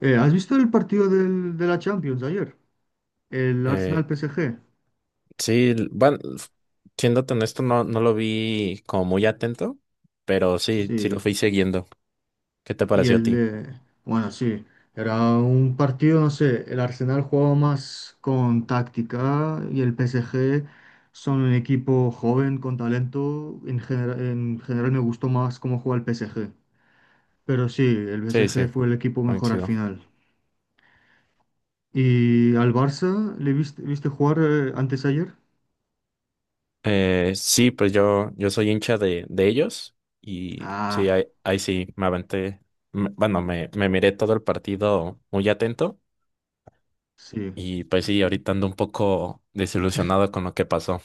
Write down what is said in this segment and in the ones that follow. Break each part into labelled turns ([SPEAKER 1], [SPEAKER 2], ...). [SPEAKER 1] ¿Has visto el partido de la Champions ayer? El
[SPEAKER 2] Eh,
[SPEAKER 1] Arsenal-PSG.
[SPEAKER 2] sí, bueno, siéndote honesto, no lo vi como muy atento, pero sí,
[SPEAKER 1] Sí.
[SPEAKER 2] lo fui siguiendo. ¿Qué te
[SPEAKER 1] Y
[SPEAKER 2] pareció a
[SPEAKER 1] el
[SPEAKER 2] ti?
[SPEAKER 1] de... Bueno, sí. Era un partido, no sé, el Arsenal jugaba más con táctica y el PSG son un equipo joven, con talento. En general, me gustó más cómo juega el PSG. Pero sí, el
[SPEAKER 2] Sí, sí,
[SPEAKER 1] PSG fue el equipo mejor al
[SPEAKER 2] coincido.
[SPEAKER 1] final. ¿Y al Barça le viste, jugar, antes ayer?
[SPEAKER 2] Sí, pues yo soy hincha de ellos y sí,
[SPEAKER 1] Ah,
[SPEAKER 2] ahí sí, me aventé. Bueno, me miré todo el partido muy atento
[SPEAKER 1] sí.
[SPEAKER 2] y pues sí, ahorita ando un poco desilusionado con lo que pasó.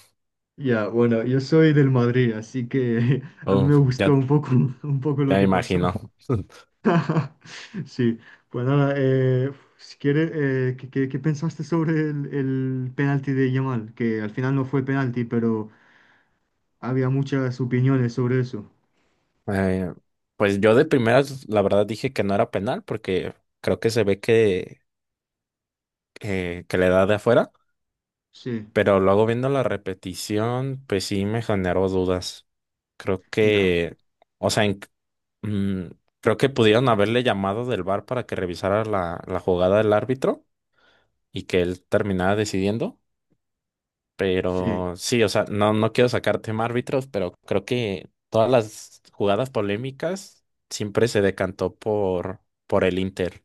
[SPEAKER 1] Ya, bueno, yo soy del Madrid, así que a mí me
[SPEAKER 2] Uf, ya,
[SPEAKER 1] gustó un poco, un poco lo
[SPEAKER 2] ya me
[SPEAKER 1] que pasó.
[SPEAKER 2] imagino.
[SPEAKER 1] Sí, pues nada, si quieres, ¿qué, qué pensaste sobre el penalti de Yamal? Que al final no fue penalti, pero había muchas opiniones sobre eso.
[SPEAKER 2] Eh, pues yo de primeras, la verdad, dije que no era penal porque creo que se ve que le da de afuera,
[SPEAKER 1] Sí,
[SPEAKER 2] pero luego viendo la repetición, pues sí me generó dudas. Creo
[SPEAKER 1] ya,
[SPEAKER 2] que, o sea, mm, creo que pudieron haberle llamado del VAR para que revisara la jugada del árbitro y que él terminara decidiendo.
[SPEAKER 1] sí.
[SPEAKER 2] Pero sí, o sea, no quiero sacar tema árbitros, pero creo que todas las jugadas polémicas siempre se decantó por el Inter.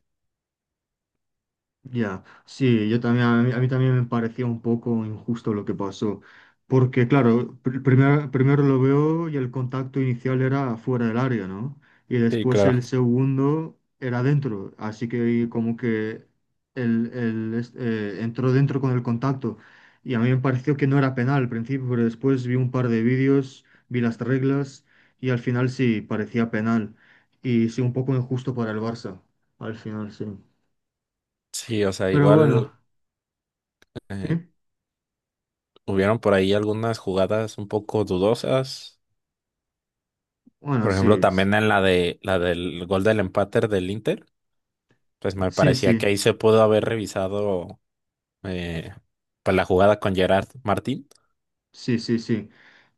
[SPEAKER 1] Ya, sí, yo también, a mí también me parecía un poco injusto lo que pasó, porque claro, primero lo veo y el contacto inicial era fuera del área, ¿no? Y
[SPEAKER 2] Sí,
[SPEAKER 1] después
[SPEAKER 2] claro.
[SPEAKER 1] el segundo era dentro, así que como que entró dentro con el contacto y a mí me pareció que no era penal al principio, pero después vi un par de vídeos, vi las reglas y al final sí, parecía penal y sí, un poco injusto para el Barça, al final sí.
[SPEAKER 2] Sí, o sea,
[SPEAKER 1] Pero bueno.
[SPEAKER 2] igual
[SPEAKER 1] Sí,
[SPEAKER 2] eh, hubieron por ahí algunas jugadas un poco dudosas.
[SPEAKER 1] bueno,
[SPEAKER 2] Por ejemplo,
[SPEAKER 1] sí, sí,
[SPEAKER 2] también en la de la del gol del empate del Inter, pues me
[SPEAKER 1] sí,
[SPEAKER 2] parecía
[SPEAKER 1] sí,
[SPEAKER 2] que ahí se pudo haber revisado, eh, pues la jugada con Gerard Martín.
[SPEAKER 1] sí, sí.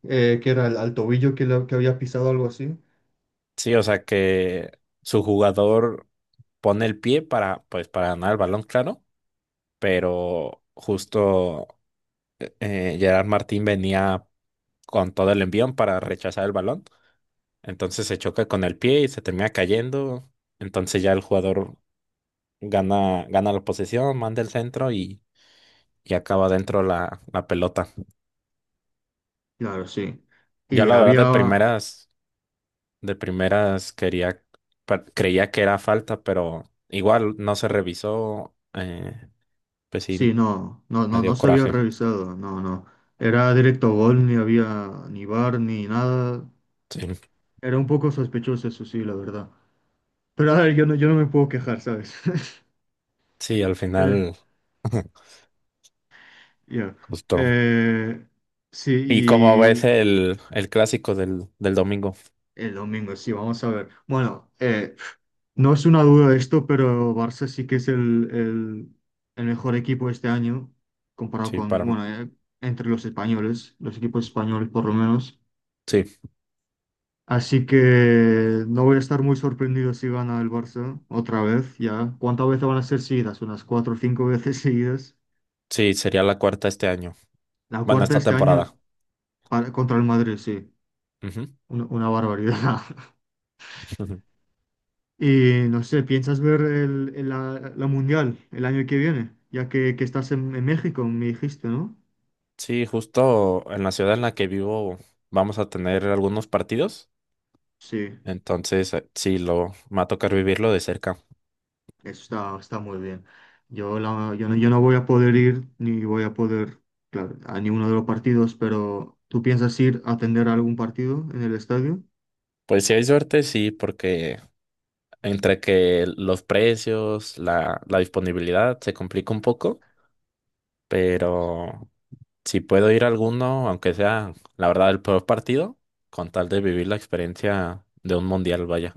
[SPEAKER 1] Que era el, al tobillo que, que había pisado algo así.
[SPEAKER 2] Sí, o sea que su jugador pone el pie para, pues, para ganar el balón, claro, pero justo, Gerard Martín venía con todo el envión para rechazar el balón, entonces se choca con el pie y se termina cayendo. Entonces ya el jugador gana, gana la posesión, manda el centro y acaba dentro la pelota.
[SPEAKER 1] Claro, sí.
[SPEAKER 2] Yo
[SPEAKER 1] Y
[SPEAKER 2] la verdad de
[SPEAKER 1] había,
[SPEAKER 2] primeras, quería, creía que era falta, pero igual no se revisó. Pues
[SPEAKER 1] sí,
[SPEAKER 2] sí,
[SPEAKER 1] no, no,
[SPEAKER 2] me
[SPEAKER 1] no, no
[SPEAKER 2] dio
[SPEAKER 1] se había
[SPEAKER 2] coraje.
[SPEAKER 1] revisado, no, no. Era directo gol, ni había ni bar ni nada.
[SPEAKER 2] Sí.
[SPEAKER 1] Era un poco sospechoso, eso sí, la verdad. Pero a ver, yo no me puedo quejar, ¿sabes?
[SPEAKER 2] Sí, al
[SPEAKER 1] Eh,
[SPEAKER 2] final,
[SPEAKER 1] ya.
[SPEAKER 2] justo.
[SPEAKER 1] Eh, sí,
[SPEAKER 2] ¿Y cómo ves
[SPEAKER 1] y
[SPEAKER 2] el clásico del domingo?
[SPEAKER 1] el domingo, sí, vamos a ver. Bueno, no es una duda de esto, pero Barça sí que es el mejor equipo este año, comparado
[SPEAKER 2] Sí,
[SPEAKER 1] con,
[SPEAKER 2] para mí.
[SPEAKER 1] bueno, entre los españoles, los equipos españoles por lo menos.
[SPEAKER 2] Sí,
[SPEAKER 1] Así que no voy a estar muy sorprendido si gana el Barça otra vez, ya. ¿Cuántas veces van a ser seguidas? Unas cuatro o cinco veces seguidas.
[SPEAKER 2] sí, sería la cuarta este año.
[SPEAKER 1] La
[SPEAKER 2] Bueno,
[SPEAKER 1] cuarta
[SPEAKER 2] esta
[SPEAKER 1] este año
[SPEAKER 2] temporada.
[SPEAKER 1] contra el Madrid, sí.
[SPEAKER 2] Ujú.
[SPEAKER 1] Una barbaridad.
[SPEAKER 2] Ujú.
[SPEAKER 1] Y no sé, ¿piensas ver la Mundial el año que viene? Ya que estás en México, me dijiste, ¿no?
[SPEAKER 2] Sí, justo en la ciudad en la que vivo vamos a tener algunos partidos.
[SPEAKER 1] Sí,
[SPEAKER 2] Entonces, sí, lo, me va a tocar vivirlo de cerca.
[SPEAKER 1] eso está muy bien. Yo no voy a poder ir ni voy a poder, claro, a ninguno de los partidos, pero ¿tú piensas ir a atender a algún partido en el estadio?
[SPEAKER 2] Pues si hay suerte, sí, porque entre que los precios, la
[SPEAKER 1] Po-
[SPEAKER 2] disponibilidad se complica un poco, pero si puedo ir a alguno, aunque sea la verdad el peor partido, con tal de vivir la experiencia de un mundial, vaya.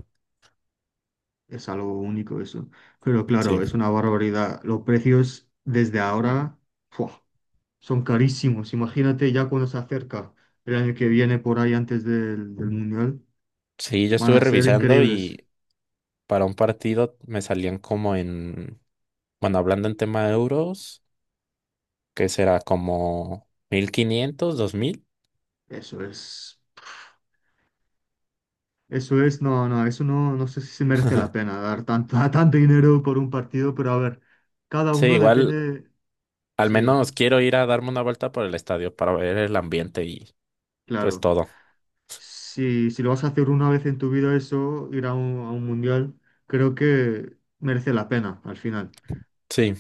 [SPEAKER 1] Es algo único eso. Pero
[SPEAKER 2] Sí.
[SPEAKER 1] claro, es una barbaridad. Los precios desde ahora, ¡fua! Son carísimos. Imagínate ya cuando se acerca el año que viene por ahí antes del Mundial,
[SPEAKER 2] Sí, yo
[SPEAKER 1] van
[SPEAKER 2] estuve
[SPEAKER 1] a ser
[SPEAKER 2] revisando
[SPEAKER 1] increíbles.
[SPEAKER 2] y para un partido me salían como en, bueno, hablando en tema de euros, que será como mil quinientos, dos mil.
[SPEAKER 1] Eso es. Eso es, no, no, eso no, no sé si se merece la pena dar tanto, tanto dinero por un partido, pero a ver, cada
[SPEAKER 2] Sí,
[SPEAKER 1] uno
[SPEAKER 2] igual
[SPEAKER 1] depende,
[SPEAKER 2] al
[SPEAKER 1] sí,
[SPEAKER 2] menos quiero ir a darme una vuelta por el estadio para ver el ambiente y pues
[SPEAKER 1] claro.
[SPEAKER 2] todo.
[SPEAKER 1] Si lo vas a hacer una vez en tu vida eso, ir a un mundial, creo que merece la pena al final.
[SPEAKER 2] Sí.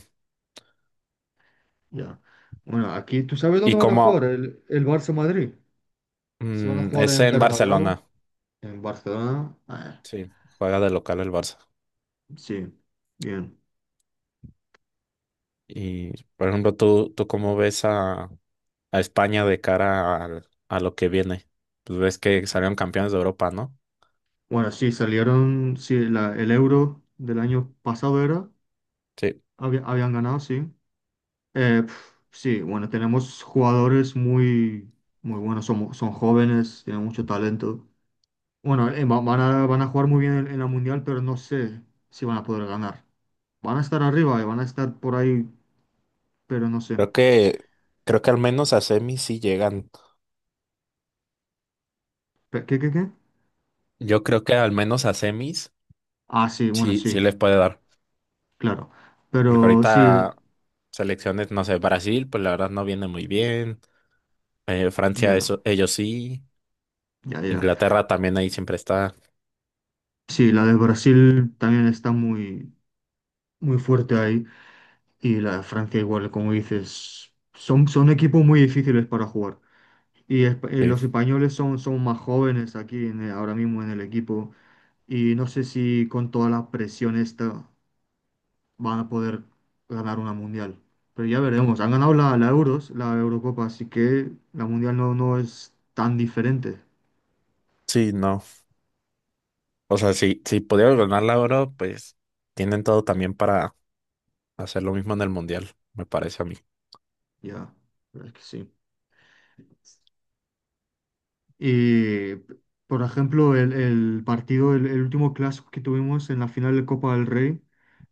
[SPEAKER 1] Ya. Bueno, aquí, ¿tú sabes
[SPEAKER 2] Y
[SPEAKER 1] dónde van a jugar
[SPEAKER 2] como
[SPEAKER 1] el Barça Madrid? Se van a jugar
[SPEAKER 2] es
[SPEAKER 1] en
[SPEAKER 2] en Barcelona,
[SPEAKER 1] Bernabéu, en Barcelona. Ah,
[SPEAKER 2] sí, juega de local el Barça.
[SPEAKER 1] sí, bien.
[SPEAKER 2] Y, por ejemplo, tú cómo ves a España de cara a lo que viene? Pues ves que salieron campeones de Europa, ¿no?
[SPEAKER 1] Bueno, sí, salieron, sí, el Euro del año pasado era.
[SPEAKER 2] Sí,
[SPEAKER 1] Habían ganado, sí. Eh, pf, sí, bueno, tenemos jugadores muy, muy buenos, son jóvenes, tienen mucho talento. Bueno, van a jugar muy bien en la Mundial, pero no sé si van a poder ganar. Van a estar arriba y van a estar por ahí, pero no sé.
[SPEAKER 2] creo que, creo que al menos a semis sí llegan.
[SPEAKER 1] ¿Qué?
[SPEAKER 2] Yo creo que al menos a semis
[SPEAKER 1] Ah, sí, bueno,
[SPEAKER 2] sí, sí
[SPEAKER 1] sí,
[SPEAKER 2] les puede dar.
[SPEAKER 1] claro.
[SPEAKER 2] Porque
[SPEAKER 1] Pero sí,
[SPEAKER 2] ahorita selecciones, no sé, Brasil, pues la verdad no viene muy bien. Francia,
[SPEAKER 1] ya,
[SPEAKER 2] eso, ellos sí.
[SPEAKER 1] ya, ya.
[SPEAKER 2] Inglaterra también ahí siempre está.
[SPEAKER 1] Sí, la de Brasil también está muy, muy fuerte ahí. Y la de Francia igual, como dices, son equipos muy difíciles para jugar. Y
[SPEAKER 2] Sí,
[SPEAKER 1] los españoles son más jóvenes aquí ahora mismo en el equipo y no sé si con toda la presión esta van a poder ganar una mundial. Pero ya veremos. Han ganado la Euros, la Eurocopa, así que la mundial no es tan diferente.
[SPEAKER 2] sí, no. O sea, si pudieron ganar la oro, pues tienen todo también para hacer lo mismo en el mundial, me parece a mí.
[SPEAKER 1] Ya, pero es que sí. Y, por ejemplo, el partido, el último clásico que tuvimos en la final de Copa del Rey,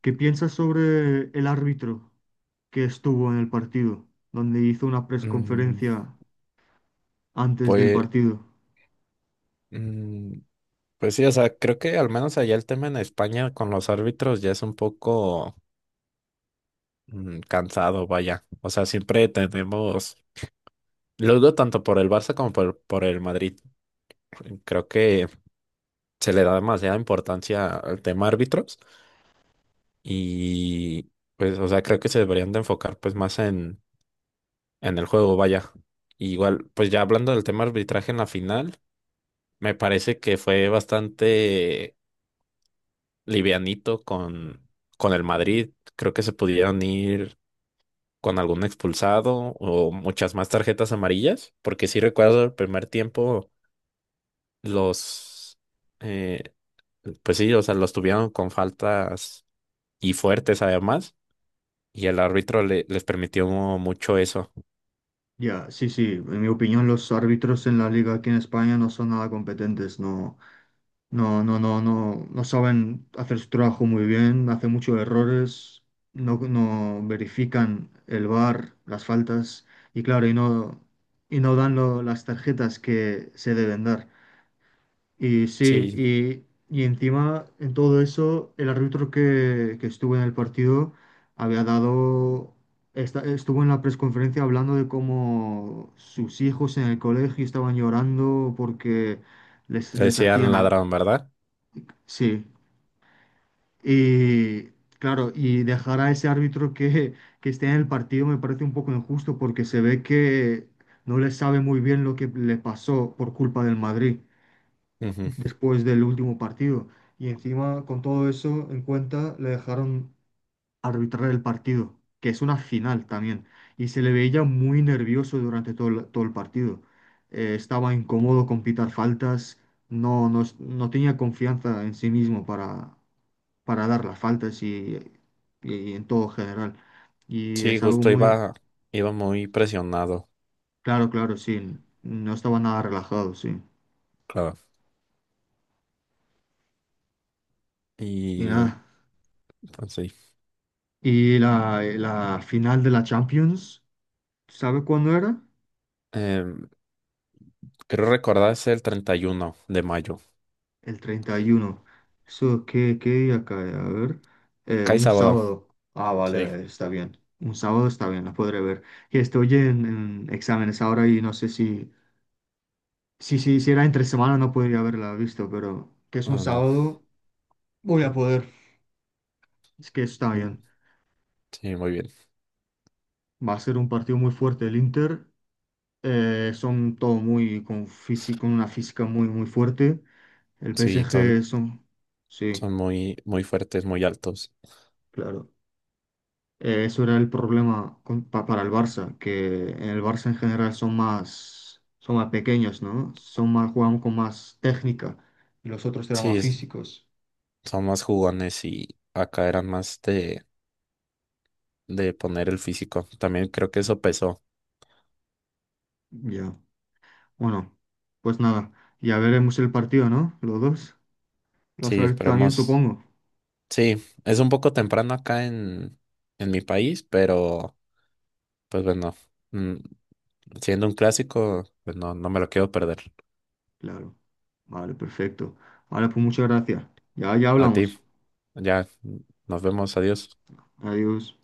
[SPEAKER 1] ¿qué piensas sobre el árbitro que estuvo en el partido, donde hizo una
[SPEAKER 2] Mm,
[SPEAKER 1] presconferencia antes del
[SPEAKER 2] pues,
[SPEAKER 1] partido?
[SPEAKER 2] mm, pues sí, o sea, creo que al menos allá el tema en España con los árbitros ya es un poco cansado, vaya. O sea, siempre tenemos, lo digo tanto por el Barça como por el Madrid. Creo que se le da demasiada importancia al tema árbitros y pues, o sea, creo que se deberían de enfocar pues más en el juego, vaya. Igual, pues ya hablando del tema arbitraje en la final. Me parece que fue bastante livianito con el Madrid. Creo que se pudieron ir con algún expulsado o muchas más tarjetas amarillas, porque sí recuerdo el primer tiempo los, eh, pues sí, o sea, los tuvieron con faltas y fuertes además, y el árbitro les permitió mucho eso.
[SPEAKER 1] Ya, sí, sí, en mi opinión los árbitros en la liga aquí en España no son nada competentes, no, no, no, no, no, no saben hacer su trabajo muy bien, hacen muchos errores, no verifican el VAR, las faltas y claro, y no dan las tarjetas que se deben dar. Y sí,
[SPEAKER 2] Sí,
[SPEAKER 1] y encima en todo eso, el árbitro que estuvo en el partido había dado, estuvo en la presconferencia hablando de cómo sus hijos en el colegio estaban llorando porque les,
[SPEAKER 2] le
[SPEAKER 1] les
[SPEAKER 2] decían
[SPEAKER 1] hacían...
[SPEAKER 2] ladrón, ¿verdad?
[SPEAKER 1] sí, y claro, y dejar a ese árbitro que esté en el partido me parece un poco injusto porque se ve que no le sabe muy bien lo que le pasó por culpa del Madrid
[SPEAKER 2] Ujú.
[SPEAKER 1] después del último partido. Y encima, con todo eso en cuenta, le dejaron arbitrar el partido, que es una final también. Y se le veía muy nervioso durante todo el partido. Estaba incómodo con pitar faltas, no tenía confianza en sí mismo para, dar las faltas y en todo general. Y
[SPEAKER 2] Sí,
[SPEAKER 1] es algo
[SPEAKER 2] justo
[SPEAKER 1] muy...
[SPEAKER 2] iba, iba muy presionado,
[SPEAKER 1] Claro, claro, sí. No estaba nada relajado, sí.
[SPEAKER 2] claro.
[SPEAKER 1] Y
[SPEAKER 2] Y
[SPEAKER 1] nada.
[SPEAKER 2] pues, sí.
[SPEAKER 1] Y la final de la Champions. ¿Sabe cuándo era?
[SPEAKER 2] Em, creo recordar es el 31 de mayo.
[SPEAKER 1] El 31. Eso, ¿qué día cae? A ver.
[SPEAKER 2] Cae
[SPEAKER 1] Un
[SPEAKER 2] sábado.
[SPEAKER 1] sábado. Ah,
[SPEAKER 2] Sí.
[SPEAKER 1] vale, está bien. Un sábado está bien, la podré ver. Y estoy en exámenes ahora y no sé si era entre semana no podría haberla visto, pero que es un
[SPEAKER 2] Ah, no.
[SPEAKER 1] sábado, voy a poder. Es que está
[SPEAKER 2] Mm,
[SPEAKER 1] bien.
[SPEAKER 2] sí, muy bien.
[SPEAKER 1] Va a ser un partido muy fuerte el Inter. Son todo muy con físico, una física muy, muy fuerte. El
[SPEAKER 2] Sí,
[SPEAKER 1] PSG
[SPEAKER 2] son,
[SPEAKER 1] son... Sí,
[SPEAKER 2] son muy, muy fuertes, muy altos.
[SPEAKER 1] claro. Eso era el problema para el Barça, que en el Barça en general son más, pequeños, ¿no? Son más, juegan con más técnica y los otros eran
[SPEAKER 2] Sí,
[SPEAKER 1] más físicos.
[SPEAKER 2] son más jugones y acá eran más de poner el físico. También creo que eso pesó.
[SPEAKER 1] Ya. Bueno, pues nada, ya veremos el partido, ¿no? Los dos. Lo vas a
[SPEAKER 2] Sí,
[SPEAKER 1] ver tú también,
[SPEAKER 2] esperemos.
[SPEAKER 1] supongo.
[SPEAKER 2] Sí, es un poco temprano acá en mi país, pero pues bueno, mm, siendo un clásico, pues no, no me lo quiero perder.
[SPEAKER 1] Claro. Vale, perfecto. Vale, pues muchas gracias. Ya, ya
[SPEAKER 2] A ti,
[SPEAKER 1] hablamos.
[SPEAKER 2] ya, nos vemos, adiós.
[SPEAKER 1] Adiós.